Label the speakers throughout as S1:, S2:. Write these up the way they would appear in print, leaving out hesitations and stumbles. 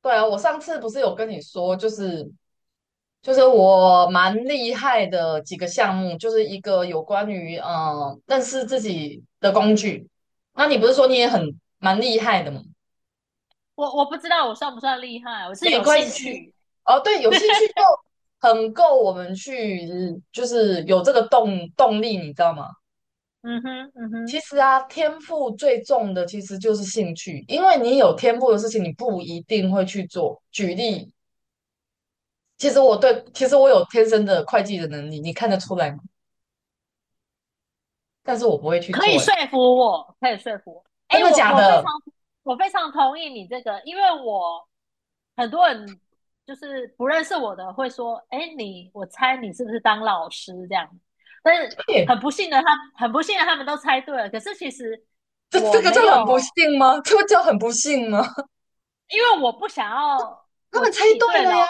S1: 对啊，我上次不是有跟你说，就是我蛮厉害的几个项目，就是一个有关于认识自己的工具。那你不是说你也很蛮厉害的吗？
S2: 我不知道我算不算厉害，我是
S1: 没
S2: 有
S1: 关
S2: 兴
S1: 系，
S2: 趣。
S1: 哦，对，有兴趣就很够我们去，就是有这个动力，你知道吗？
S2: 嗯哼，嗯
S1: 其
S2: 哼，
S1: 实啊，天赋最重的其实就是兴趣，因为你有天赋的事情，你不一定会去做。举例，其实我有天生的会计的能力，你看得出来吗？但是我不会去
S2: 可以
S1: 做，呀，
S2: 说服我，可以说服我。哎，
S1: 真的假的？
S2: 我非常同意你这个，因为我很多人就是不认识我的会说，哎，我猜你是不是当老师这样？但是
S1: 嘿，
S2: 很不幸的他们都猜对了。可是其实
S1: 这
S2: 我
S1: 这个
S2: 没
S1: 就
S2: 有，
S1: 很不幸吗？这不就很不幸吗？
S2: 因为我不想要
S1: 他
S2: 我
S1: 们猜
S2: 自己，
S1: 对了呀！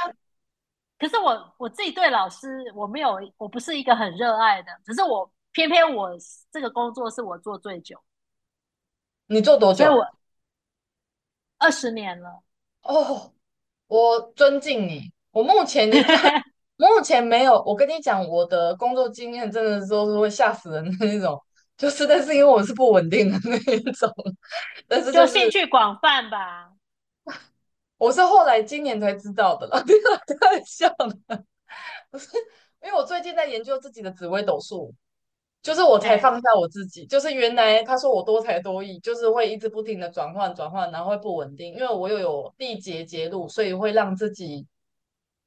S2: 可是我自己对老师，我没有，我不是一个很热爱的，可是我偏偏，我这个工作是我做最久，
S1: 你做多
S2: 所以
S1: 久？
S2: 我 二十年了
S1: 哦，我尊敬你。我目前一份，目前没有。我跟你讲，我的工作经验真的都是会吓死人的那种，就是但是因为我是不稳定的那一种，但是
S2: 就
S1: 就
S2: 兴
S1: 是
S2: 趣广泛吧。
S1: 我是后来今年才知道的啦，太笑了，因为我最近在研究自己的紫微斗数，就是我才
S2: 哎，
S1: 放下我自己，就是原来他说我多才多艺，就是会一直不停的转换转换，然后会不稳定，因为我又有地结节路，所以会让自己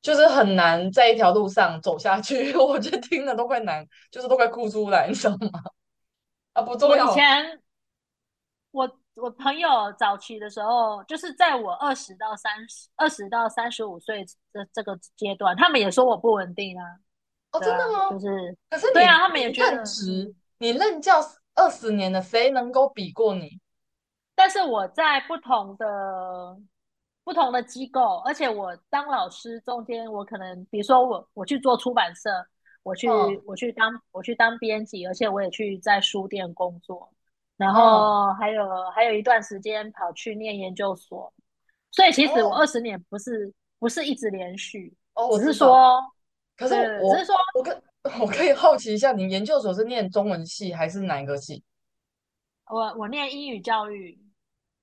S1: 就是很难在一条路上走下去。我就听了都快难，就是都快哭出来，你知道吗？啊，不重
S2: 我以
S1: 要。
S2: 前我朋友早期的时候，就是在我二十到三十、20到35岁这个阶段，他们也说我不稳定啊，
S1: 哦，
S2: 对
S1: 真的
S2: 啊，就
S1: 吗？
S2: 是
S1: 可是
S2: 对啊，他们也觉得嗯。
S1: 你任教20年了，谁能够比过你？
S2: 但是我在不同的机构，而且我当老师中间，我可能比如说我去做出版社，我
S1: 嗯
S2: 去我去当我去当编辑，而且我也去在书店工作，然
S1: 嗯，
S2: 后还有一段时间跑去念研究所，所以其实我二
S1: 哦
S2: 十年不是一直连续，
S1: 哦，我
S2: 只是
S1: 知道。
S2: 说，
S1: 可是
S2: 对对对，只是
S1: 我
S2: 说，
S1: 我跟 我可
S2: 嗯，
S1: 以好奇一下，你研究所是念中文系还是哪一个系？
S2: 我念英语教育，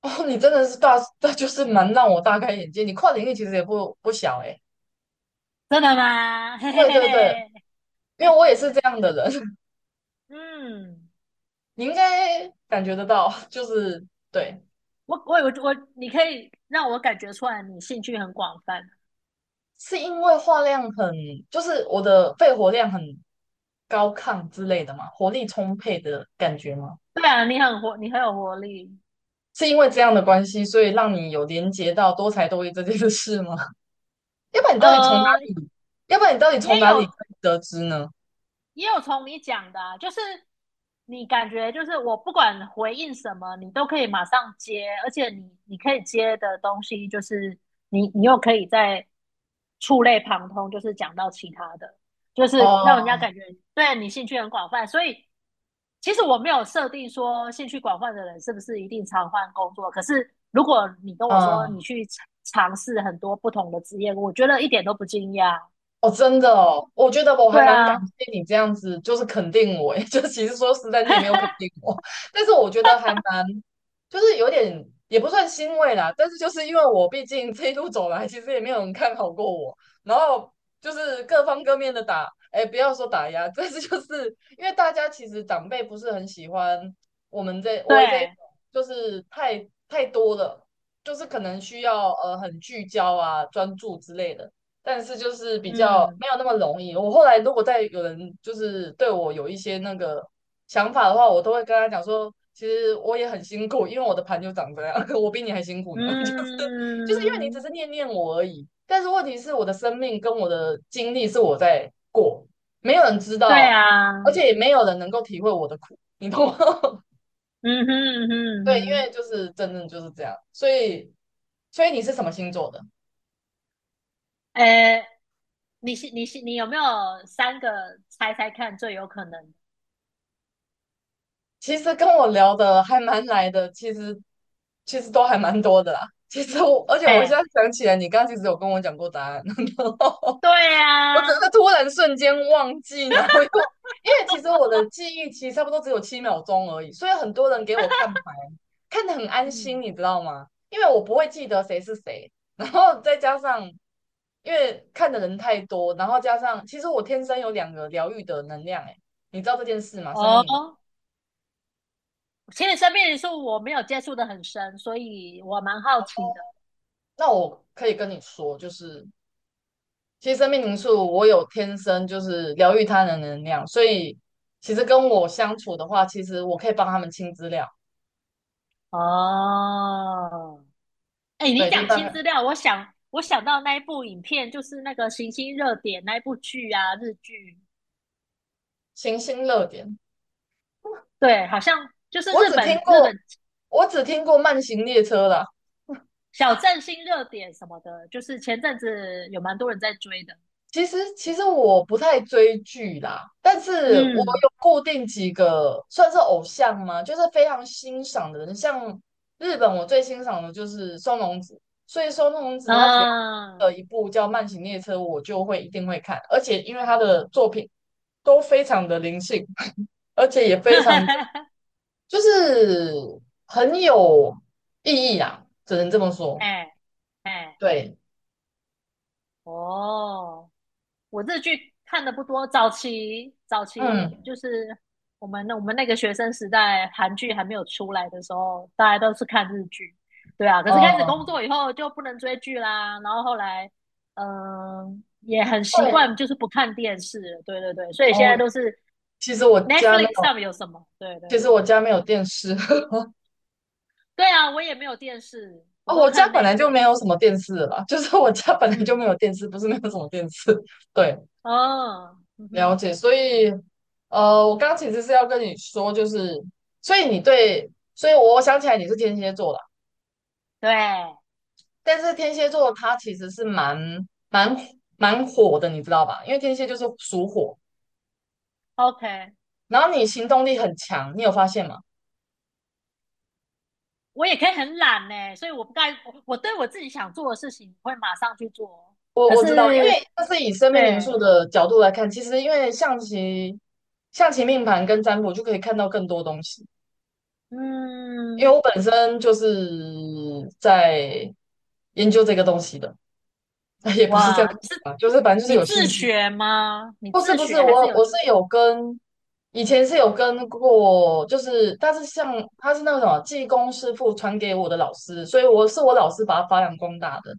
S1: 哦，你真的是大，那就是蛮让我大开眼界。你跨领域其实也不小诶。
S2: 真的吗？嘿嘿
S1: 对
S2: 嘿
S1: 对对，
S2: 嘿，
S1: 因为我也是这 样的人，
S2: 嗯。
S1: 你应该感觉得到，就是对，
S2: 我我我我，你可以让我感觉出来你兴趣很广泛。
S1: 是因为话量很，就是我的肺活量很高亢之类的嘛，活力充沛的感觉吗？
S2: 对啊，你很活，你很有活力。
S1: 是因为这样的关系，所以让你有连接到多才多艺这件事吗？要不然你到底从哪
S2: 呃，
S1: 里？要不然你到底从
S2: 也
S1: 哪里
S2: 有
S1: 可以得知呢？
S2: 也有从你讲的啊，就是你感觉就是我不管回应什么，你都可以马上接，而且你可以接的东西就是你又可以在触类旁通，就是讲到其他的，就是让人家
S1: 哦，
S2: 感觉对你兴趣很广泛。所以其实我没有设定说兴趣广泛的人是不是一定常换工作，可是如果你跟我说你
S1: 嗯。
S2: 去尝试很多不同的职业，我觉得一点都不惊讶。
S1: 哦，真的哦，我觉得我
S2: 对
S1: 还蛮感
S2: 啊，
S1: 谢你这样子，就是肯定我诶，就其实说实在，你也没有肯定 我，但是我觉得还蛮，就是有点也不算欣慰啦，但是就是因为我毕竟这一路走来，其实也没有人看好过我，然后就是各方各面的打，哎，不要说打压，但是就是因为大家其实长辈不是很喜欢我这一种，
S2: 对，
S1: 就是太多了，就是可能需要很聚焦啊、专注之类的。但是就是比较
S2: 嗯。
S1: 没有那么容易。我后来如果再有人就是对我有一些那个想法的话，我都会跟他讲说，其实我也很辛苦，因为我的盘就长这样，我比你还辛苦呢。就是因为你只
S2: 嗯，
S1: 是念念我而已，但是问题是我的生命跟我的经历是我在过，没有人知
S2: 对
S1: 道，而
S2: 啊，
S1: 且也没有人能够体会我的苦，你懂吗？
S2: 嗯哼嗯哼
S1: 对，因
S2: 嗯
S1: 为就是真正就是这样，所以你是什么星座的？
S2: 哼，诶，你有没有三个猜猜看最有可能的？
S1: 其实跟我聊的还蛮来的，其实都还蛮多的啦。其实我，而且我现
S2: 哎，
S1: 在想起来，你刚刚其实有跟我讲过答案，然后
S2: 对
S1: 我只
S2: 啊，
S1: 是突然瞬间忘记，然后又因为其实我的记忆其实差不多只有7秒钟而已，所以很多人给我看牌，看得很安心，
S2: 嗯，
S1: 你知道吗？因为我不会记得谁是谁，然后再加上因为看的人太多，然后加上其实我天生有两个疗愈的能量，哎，你知道这件事吗？上面
S2: 哦，
S1: 你。
S2: 其实生命灵数我没有接触的很深，所以我蛮好奇的。
S1: 那我可以跟你说，就是其实生命灵数我有天生就是疗愈他人的能量，所以其实跟我相处的话，其实我可以帮他们清资料，
S2: 哦，哎，你
S1: 对，就
S2: 讲
S1: 大
S2: 新
S1: 概
S2: 资料，我想到那一部影片，就是那个《行星热点》那一部剧啊，日剧，
S1: 行星热点。
S2: 对，好像就是
S1: 我
S2: 日
S1: 只听
S2: 本日
S1: 过，
S2: 本
S1: 我只听过慢行列车啦，
S2: 小镇新热点什么的，就是前阵子有蛮多人在追的。
S1: 其实我不太追剧啦，但是我
S2: 嗯
S1: 有固定几个算是偶像吗？就是非常欣赏的人，像日本我最欣赏的就是松隆子，所以松隆子他只要
S2: 嗯，
S1: 一部叫《慢行列车》，我就会一定会看，而且因为他的作品都非常的灵性，而且也非常的 就是很有意义啊，只能这么说。
S2: 哎哎
S1: 对，
S2: 哦，我日剧看的不多，早期
S1: 嗯
S2: 就是我们那个学生时代，韩剧还没有出来的时候，大家都是看日剧。对啊，可
S1: 嗯，
S2: 是开始工作以后就不能追剧啦，然后后来,也很习
S1: 对
S2: 惯就是不看电视了，对对对，所以现在
S1: 哦，
S2: 都是
S1: 其实我家。
S2: Netflix 上面有什么？对对
S1: 其
S2: 对，
S1: 实我家没有电视。
S2: 对啊，我也没有电视，我
S1: 哦，
S2: 都
S1: 我家
S2: 看
S1: 本来就没
S2: Netflix。
S1: 有什么电视了，就是我家本来就
S2: 嗯，
S1: 没有电视，不是没有什么电视。对，
S2: 哦，嗯
S1: 了
S2: 哼，
S1: 解。所以，我刚刚其实是要跟你说，就是所以你对，所以我想起来你是天蝎座啦，
S2: 对
S1: 但是天蝎座它其实是蛮蛮火的，你知道吧？因为天蝎就是属火，
S2: ，OK,
S1: 然后你行动力很强，你有发现吗？
S2: 我也可以很懒呢，所以我不该我对我自己想做的事情会马上去做。
S1: 我
S2: 可
S1: 我知道，因为
S2: 是，
S1: 这是以生命灵
S2: 对，
S1: 数的角度来看，其实因为象棋命盘跟占卜就可以看到更多东西。因
S2: 嗯，
S1: 为我本身就是在研究这个东西的，也不是这样
S2: 哇，
S1: 说吧，就是反正就是
S2: 你
S1: 有
S2: 自
S1: 兴趣。
S2: 学吗？你
S1: 不是
S2: 自
S1: 不是，
S2: 学还是
S1: 我
S2: 有？
S1: 我是有跟，以前是有跟过，就是但是像他是那个什么技工师傅传给我的老师，所以我是我老师把他发扬光大的。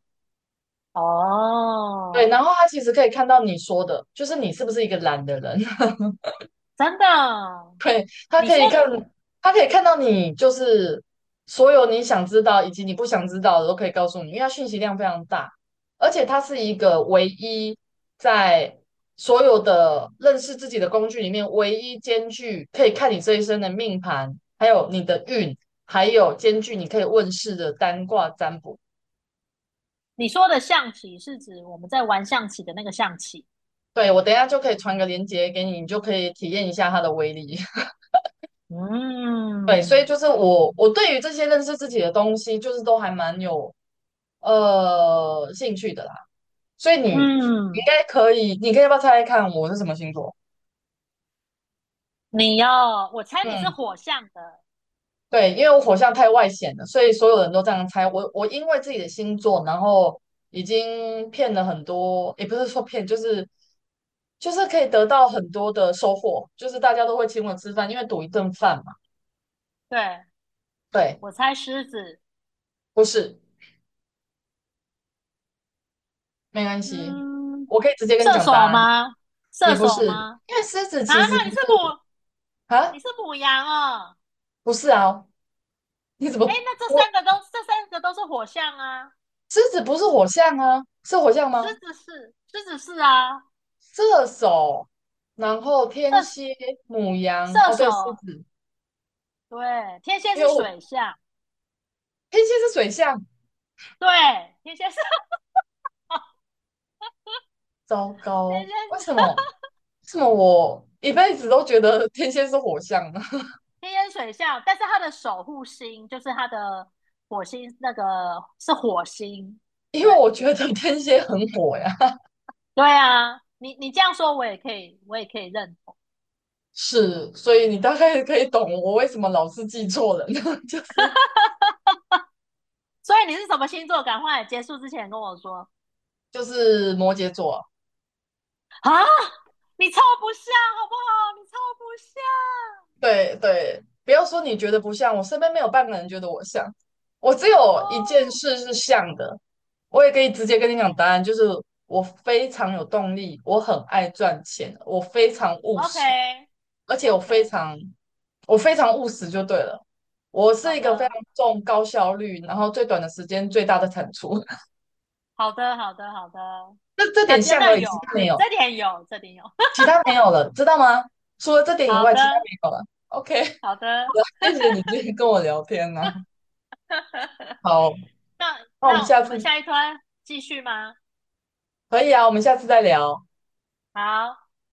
S1: 对，
S2: 哦，
S1: 然后他其实可以看到你说的，就是你是不是一个懒的人。
S2: 真的，
S1: 对，
S2: 你说的
S1: 他可以看，到你就是所有你想知道以及你不想知道的都可以告诉你，因为它讯息量非常大，而且它是一个唯一在所有的认识自己的工具里面唯一兼具可以看你这一生的命盘，还有你的运，还有兼具你可以问世的单卦占卜。
S2: 你说的象棋是指我们在玩象棋的那个象棋。
S1: 对，我等一下就可以传个链接给你，你就可以体验一下它的威力。对，所以
S2: 嗯
S1: 就是我对于这些认识自己的东西，就是都还蛮有兴趣的啦，所以你应
S2: 嗯，
S1: 该可以，你可以要不要猜猜看我是什么星座？
S2: 你要，我猜你是
S1: 嗯，
S2: 火象的，
S1: 对，因为我火象太外显了，所以所有人都这样猜。我因为自己的星座，然后已经骗了很多，也不是说骗，就是可以得到很多的收获，就是大家都会请我吃饭，因为赌一顿饭嘛。
S2: 对，
S1: 对，
S2: 我猜狮子，
S1: 不是，没关系，
S2: 嗯，
S1: 我可以直接跟你
S2: 射
S1: 讲答
S2: 手
S1: 案，
S2: 吗？
S1: 也
S2: 射
S1: 不
S2: 手
S1: 是，
S2: 吗？
S1: 因为狮子
S2: 啊，
S1: 其实
S2: 那
S1: 不
S2: 你是
S1: 是
S2: 母，
S1: 啊，
S2: 你是母羊哦，
S1: 不是啊，你怎
S2: 哎，
S1: 么？
S2: 那这三
S1: 我？
S2: 个都，这三个都是火象啊，
S1: 狮子不是火象啊，是火象吗？
S2: 狮子是啊，
S1: 射手，然后天
S2: 射
S1: 蝎、母羊，
S2: 射
S1: 哦，对，狮
S2: 手，
S1: 子，
S2: 对，天蝎
S1: 因为
S2: 是水
S1: 我
S2: 象，
S1: 天蝎是水象，
S2: 对，天蝎是
S1: 糟
S2: 天
S1: 糕，
S2: 蝎
S1: 为什
S2: 是
S1: 么？为什么我一辈子都觉得天蝎是火象呢？
S2: 天烟水象，但是他的守护星就是他的火星，那个是火星。
S1: 因
S2: 对
S1: 为我觉得天蝎很火呀，
S2: 对啊，你这样说，我也可以认同。
S1: 是，所以你大概可以懂我为什么老是记错人，就是
S2: 所以你是什么星座？赶快结束之前跟我说
S1: 就是摩羯座啊。
S2: 啊！你超不下，好不好？你超不下
S1: 对对，不要说你觉得不像，我身边没有半个人觉得我像，我只有一件
S2: 哦。
S1: 事是像的，我也可以直接跟你讲
S2: 嗯
S1: 答案，就是我非常有动力，我很爱赚钱，我非常务
S2: ，OK
S1: 实，而且我
S2: OK,
S1: 非常我非常务实就对了，我
S2: 好
S1: 是一个非
S2: 的，
S1: 常重高效率，然后最短的时间最大的产出，
S2: 好的，好的，好的。
S1: 这这
S2: 那
S1: 点
S2: 真
S1: 像
S2: 的
S1: 而已，
S2: 有，
S1: 其他没有，
S2: 这点有，这点有。
S1: 其 他没有了，知道吗？除了这点以
S2: 好
S1: 外，其他
S2: 的，
S1: 没有了。OK,
S2: 好的。
S1: 谢谢你今天跟我聊天呢。好。
S2: 那
S1: 那我们
S2: 那
S1: 下
S2: 我们
S1: 次
S2: 下一段继续吗？
S1: 可以啊，我们下次再聊。
S2: 好。